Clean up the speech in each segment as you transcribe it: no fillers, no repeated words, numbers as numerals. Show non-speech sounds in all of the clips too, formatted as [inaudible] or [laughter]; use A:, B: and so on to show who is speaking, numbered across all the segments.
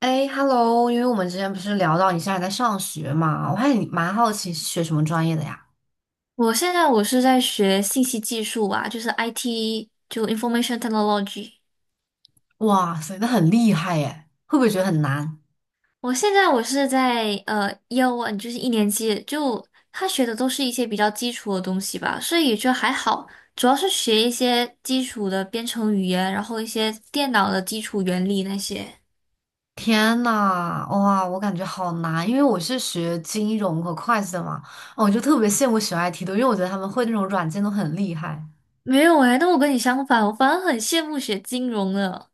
A: 哎，Hello，因为我们之前不是聊到你现在在上学嘛，我还你蛮好奇是学什么专业的呀？
B: 我是在学信息技术啊，就是 IT，就 Information Technology。
A: 哇塞，那很厉害耶，会不会觉得很难？
B: 我是在y e a One，就是一年级，就他学的都是一些比较基础的东西吧，所以也就还好。主要是学一些基础的编程语言，然后一些电脑的基础原理那些。
A: 天呐，哇，我感觉好难，因为我是学金融和会计的嘛，哦我就特别羡慕学 IT 的，因为我觉得他们会那种软件都很厉害。
B: 没有哎，那我跟你相反，我反而很羡慕学金融的，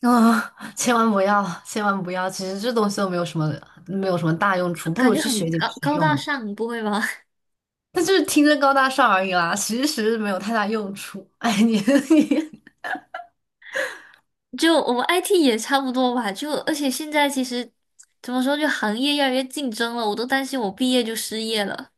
A: 啊，千万不要，千万不要，其实这东西都没有什么大用
B: 就
A: 处，不
B: 感
A: 如
B: 觉
A: 去
B: 很
A: 学点
B: 高
A: 实
B: 高
A: 用
B: 大
A: 的。
B: 上，不会吗？
A: 但就是听着高大上而已啦，其实没有太大用处。哎，你 [laughs] 你。
B: 就我们 IT 也差不多吧，就而且现在其实怎么说，就行业越来越竞争了，我都担心我毕业就失业了。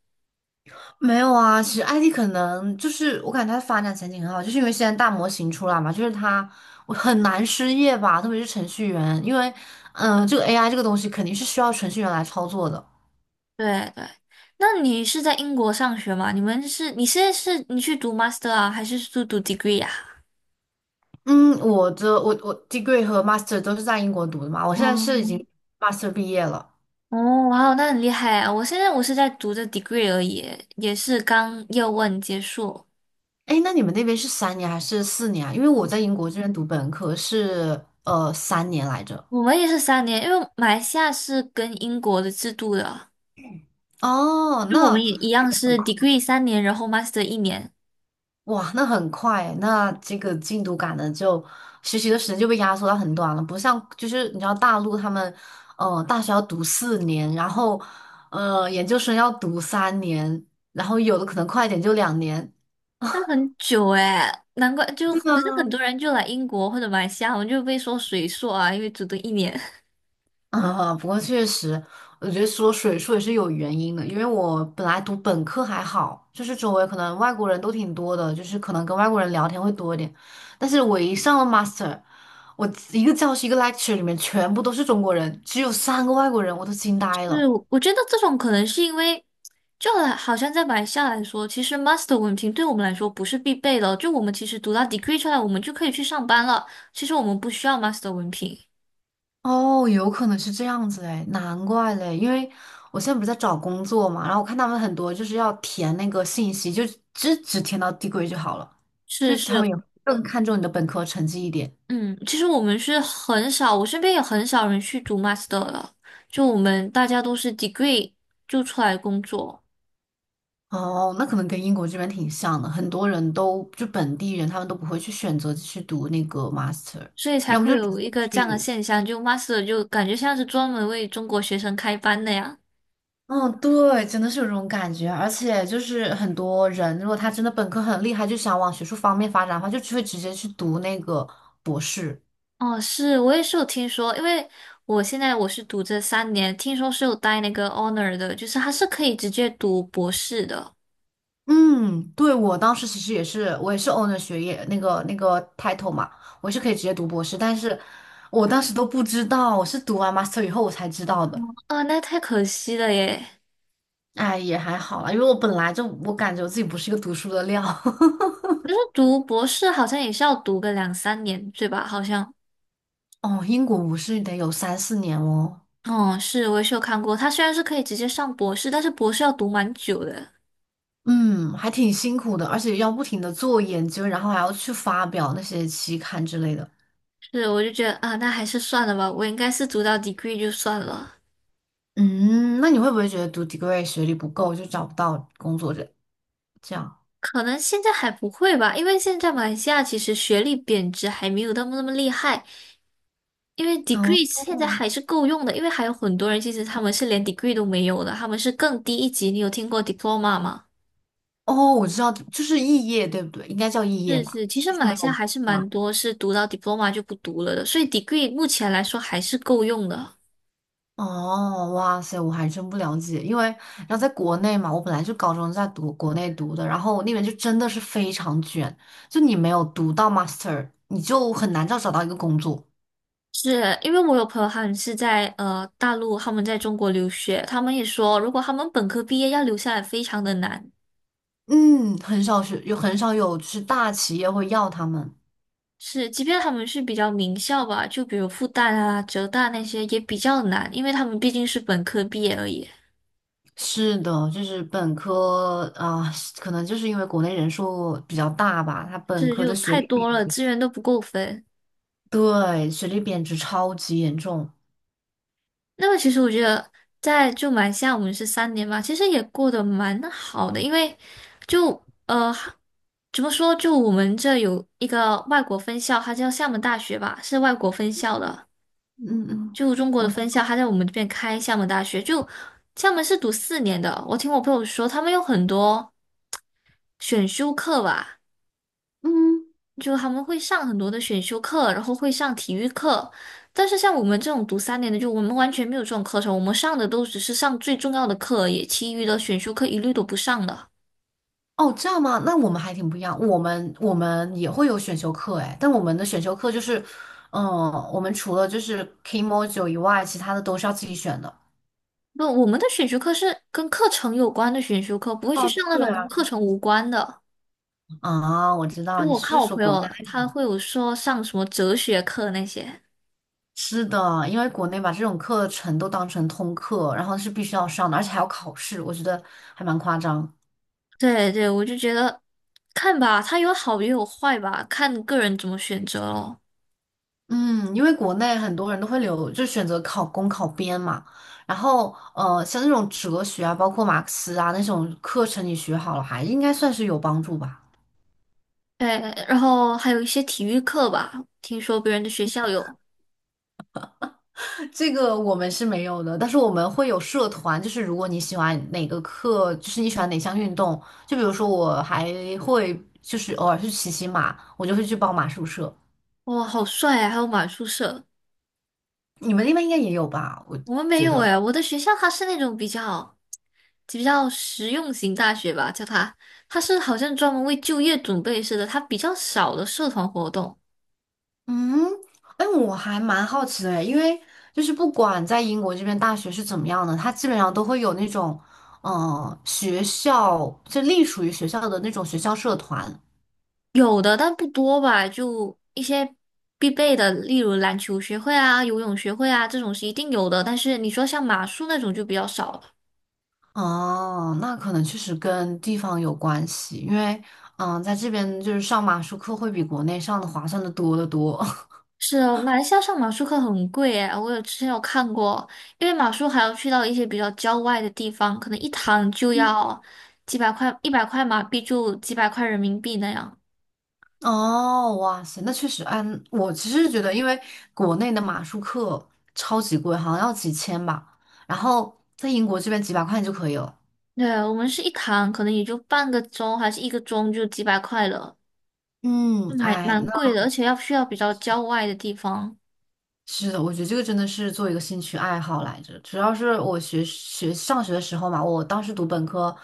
A: 没有啊，其实 IT 可能就是我感觉它的发展前景很好，就是因为现在大模型出来嘛，就是它我很难失业吧，特别是程序员，因为这个 AI 这个东西肯定是需要程序员来操作的。
B: 对对，那你是在英国上学吗？你们是你现在是你去读 master 啊，还是去读 degree 啊？
A: 嗯，我的 degree 和 master 都是在英国读的嘛，我现在是已经
B: 嗯，
A: master 毕业了。
B: 哦，哇哦，那很厉害啊！我现在我是在读的 degree 而已，也是刚 year one 结束。
A: 哎，那你们那边是三年还是四年啊？因为我在英国这边读本科是三年来着。
B: 我们也是三年，因为马来西亚是跟英国的制度的，
A: 哦，
B: 就我
A: 那
B: 们也一样是 degree 三年，然后 master 一年。
A: 哇，那很快欸，那这个进度赶的，就学习的时间就被压缩到很短了。不像就是你知道大陆他们，大学要读四年，然后研究生要读三年，然后有的可能快一点就2年。
B: 那很久哎，难怪就，可是很多人就来英国或者马来西亚，我们就被说水硕啊，因为只读一年。[laughs]
A: 啊，不过确实，我觉得说水硕也是有原因的，因为我本来读本科还好，就是周围可能外国人都挺多的，就是可能跟外国人聊天会多一点。但是我一上了 master，我一个教室一个 lecture 里面全部都是中国人，只有3个外国人，我都惊呆
B: 是，
A: 了。
B: 我觉得这种可能是因为，就好像在马来西亚来说，其实 master 文凭对我们来说不是必备的，就我们其实读到 degree 出来，我们就可以去上班了。其实我们不需要 master 文凭。
A: 哦，有可能是这样子哎，难怪嘞，因为我现在不是在找工作嘛，然后我看他们很多就是要填那个信息，就只填到 d e 就好了，
B: 是
A: 就是他们
B: 是，
A: 也更看重你的本科成绩一点。
B: 嗯，其实我们是很少，我身边也很少人去读 master 了，就我们大家都是 degree 就出来工作。
A: 哦，那可能跟英国这边挺像的，很多人都就本地人，他们都不会去选择去读那个 master，
B: 所以才
A: 要么
B: 会
A: 就直
B: 有
A: 接
B: 一个这样的
A: 去。
B: 现象，就 Master 就感觉像是专门为中国学生开班的呀。
A: 嗯，对，真的是有这种感觉，而且就是很多人，如果他真的本科很厉害，就想往学术方面发展的话，就只会直接去读那个博士。
B: 哦，是，我也是有听说，因为我现在我是读这三年，听说是有带那个 honor 的，就是他是可以直接读博士的。
A: 嗯，对，我当时其实也是，我也是 o w n o r 学业那个 title 嘛，我是可以直接读博士，但是我当时都不知道，我是读完 master 以后我才知道的。
B: 那太可惜了耶。
A: 哎，也还好啦，因为我本来就我感觉我自己不是一个读书的料。[laughs]
B: 可是读博士好像也是要读个两三年，对吧？好像，
A: 哦，英国我是得有三四年哦。
B: 哦，是，我也是有看过，他虽然是可以直接上博士，但是博士要读蛮久的。
A: 嗯，还挺辛苦的，而且要不停的做研究，然后还要去发表那些期刊之类的。
B: 是，我就觉得啊，那还是算了吧，我应该是读到 degree 就算了。
A: 嗯，那你会不会觉得读 degree 学历不够就找不到工作这样？
B: 可能现在还不会吧，因为现在马来西亚其实学历贬值还没有那么厉害，因为
A: 哦
B: degree 现在还是够用的，因为还有很多人其实他们是连 degree 都没有的，他们是更低一级。你有听过 diploma 吗？
A: 哦，我知道，就是肄业对不对？应该叫肄业
B: 是
A: 吧，
B: 是，其实
A: 就
B: 马
A: 是没
B: 来西
A: 有。
B: 亚还是
A: 吧？
B: 蛮多是读到 diploma 就不读了的，所以 degree 目前来说还是够用的。
A: 哦，哇塞，我还真不了解，因为然后在国内嘛，我本来就高中在读国内读的，然后那边就真的是非常卷，就你没有读到 master，你就很难找到一个工作。
B: 是因为我有朋友他们是在大陆，他们在中国留学，他们也说如果他们本科毕业要留下来非常的难。
A: 嗯，很少有就是大企业会要他们。
B: 是，即便他们是比较名校吧，就比如复旦啊、浙大那些也比较难，因为他们毕竟是本科毕业而已，
A: 是的，就是本科啊，可能就是因为国内人数比较大吧，他本
B: 是
A: 科
B: 就
A: 的学
B: 太
A: 历，
B: 多了，资源都不够分。
A: 对，学历贬值超级严重。
B: 那么其实我觉得在就马来西亚我们是三年嘛，其实也过得蛮好的，因为就呃怎么说，就我们这有一个外国分校，它叫厦门大学吧，是外国分校的，
A: 嗯嗯，
B: 就中国的
A: 我
B: 分校，它在我们这边开厦门大学，就厦门是读4年的，我听我朋友说，他们有很多。选修课吧，
A: 嗯。
B: 就他们会上很多的选修课，然后会上体育课。但是像我们这种读三年的，就我们完全没有这种课程，我们上的都只是上最重要的课而已，其余的选修课一律都不上的。
A: 哦，这样吗？那我们还挺不一样。我们也会有选修课。哎，但我们的选修课就是，嗯，我们除了就是 k m o j o 以外，其他的都是要自己选的。
B: 不，我们的选修课是跟课程有关的选修课，不会去
A: 哦，
B: 上那
A: 对
B: 种跟
A: 啊，
B: 课程无关的。
A: 啊，我知道
B: 就
A: 你
B: 我看
A: 是
B: 我
A: 说
B: 朋
A: 国内
B: 友，他会有说上什么哲学课那些。
A: 是的，因为国内把这种课程都当成通课，然后是必须要上的，而且还要考试，我觉得还蛮夸张。
B: 对对，我就觉得看吧，它有好也有坏吧，看个人怎么选择咯。
A: 嗯，因为国内很多人都会留，就选择考公考编嘛。然后，像那种哲学啊，包括马克思啊那种课程，你学好了还应该算是有帮助吧。
B: 对，然后还有一些体育课吧，听说别人的学校有，
A: 这个我们是没有的，但是我们会有社团，就是如果你喜欢哪个课，就是你喜欢哪项运动，就比如说我还会就是偶尔去骑骑马，我就会去报马术社。
B: 哇，好帅啊！还有马术社，
A: 你们那边应该也有吧？我
B: 我们没
A: 觉
B: 有
A: 得。
B: 哎。我的学校它是那种比较实用型大学吧，叫它，它是好像专门为就业准备似的，它比较少的社团活动，
A: 嗯，哎，我还蛮好奇的诶，因为就是不管在英国这边大学是怎么样的，它基本上都会有那种，学校就隶属于学校的那种学校社团。
B: 有的但不多吧，就一些必备的，例如篮球学会啊、游泳学会啊这种是一定有的，但是你说像马术那种就比较少了。
A: 哦，那可能确实跟地方有关系，因为，在这边就是上马术课会比国内上的划算的多得多。[laughs]
B: 是啊，马来西亚上马术课很贵诶，我有之前有看过，因为马术还要去到一些比较郊外的地方，可能一堂就要几百块，100块马币就几百块人民币那样。
A: 哦，哇塞，那确实。嗯，我其实觉得，因为国内的马术课超级贵，好像要几千吧，然后在英国这边几百块钱就可以了。
B: 对，我们是一堂，可能也就半个钟还是一个钟就几百块了，就
A: 嗯，
B: 蛮
A: 哎，
B: 蛮
A: 那
B: 贵的，而且要去到比较郊外的地方。
A: 是的，我觉得这个真的是做一个兴趣爱好来着。主要是我上学的时候嘛，我当时读本科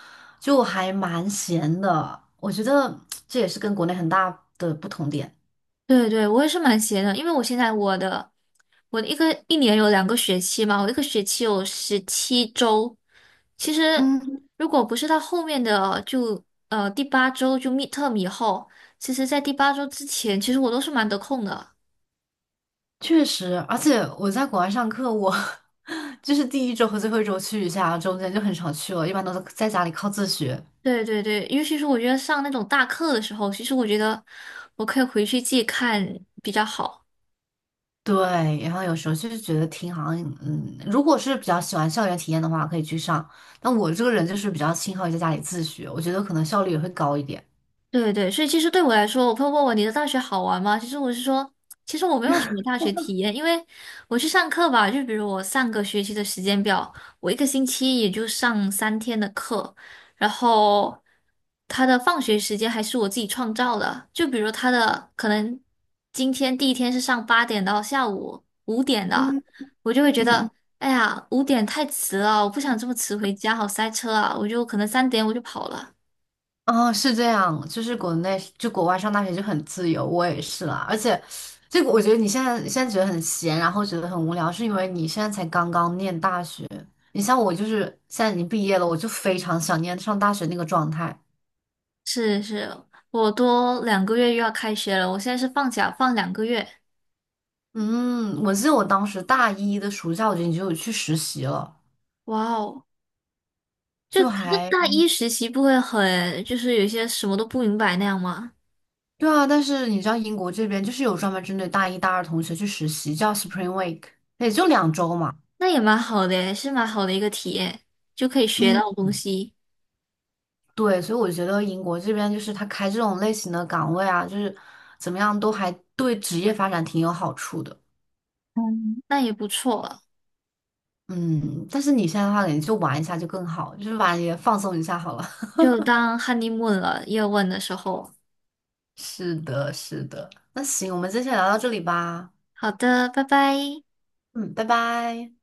A: 就还蛮闲的，我觉得这也是跟国内很大的不同点。
B: 对对，我也是蛮闲的，因为我现在我的一年有2个学期嘛，我一个学期有17周。其实
A: 嗯，
B: 如果不是到后面的就第八周就 midterm 以后，其实在第八周之前，其实我都是蛮得空的。
A: 确实，而且我在国外上课，我 [laughs] 就是第一周和最后一周去一下，中间就很少去了，一般都是在家里靠自学。
B: 对对对，尤其是我觉得上那种大课的时候，其实我觉得我可以回去自己看比较好。
A: 对，然后有时候就是觉得挺好像，嗯，如果是比较喜欢校园体验的话，可以去上。但我这个人就是比较倾向于在家里自学，我觉得可能效率也会高一点。
B: 对对，所以其实对我来说，我朋友问我你的大学好玩吗？其实我是说，其实我没有什么大学体验，因为我去上课吧，就比如我上个学期的时间表，我一个星期也就上3天的课，然后他的放学时间还是我自己创造的，就比如他的可能今天第一天是上8点到下午五点的，
A: 嗯
B: 我就会觉
A: 嗯嗯，
B: 得。哎呀，五点太迟了，我不想这么迟回家，好塞车啊！我就可能3点我就跑了。
A: 哦，是这样，就是国内就国外上大学就很自由，我也是啦。而且，这个我觉得你现在觉得很闲，然后觉得很无聊，是因为你现在才刚刚念大学。你像我，就是现在已经毕业了，我就非常想念上大学那个状态。
B: 是是，我多两个月又要开学了，我现在是放假放两个月，
A: 嗯，我记得我当时大一的暑假，我觉得你就有去实习了。
B: 哇哦！就
A: 就
B: 可是
A: 还
B: 大一实习不会很，就是有些什么都不明白那样吗？
A: 对啊，但是你知道英国这边就是有专门针对大一、大二同学去实习，叫 Spring Week，也就2周嘛。
B: 那也蛮好的耶，是蛮好的一个体验，就可以学
A: 嗯，
B: 到东西，
A: 对，所以我觉得英国这边就是他开这种类型的岗位啊，就是怎么样都还对职业发展挺有好处的。
B: 嗯，那也不错了，
A: 嗯，但是你现在的话，你就玩一下就更好，就是玩也放松一下好了。
B: 就当 honeymoon 了，夜问的时候。
A: [laughs] 是的，是的。那行，我们今天先聊到这里吧。
B: 好的，拜拜。
A: 嗯，拜拜。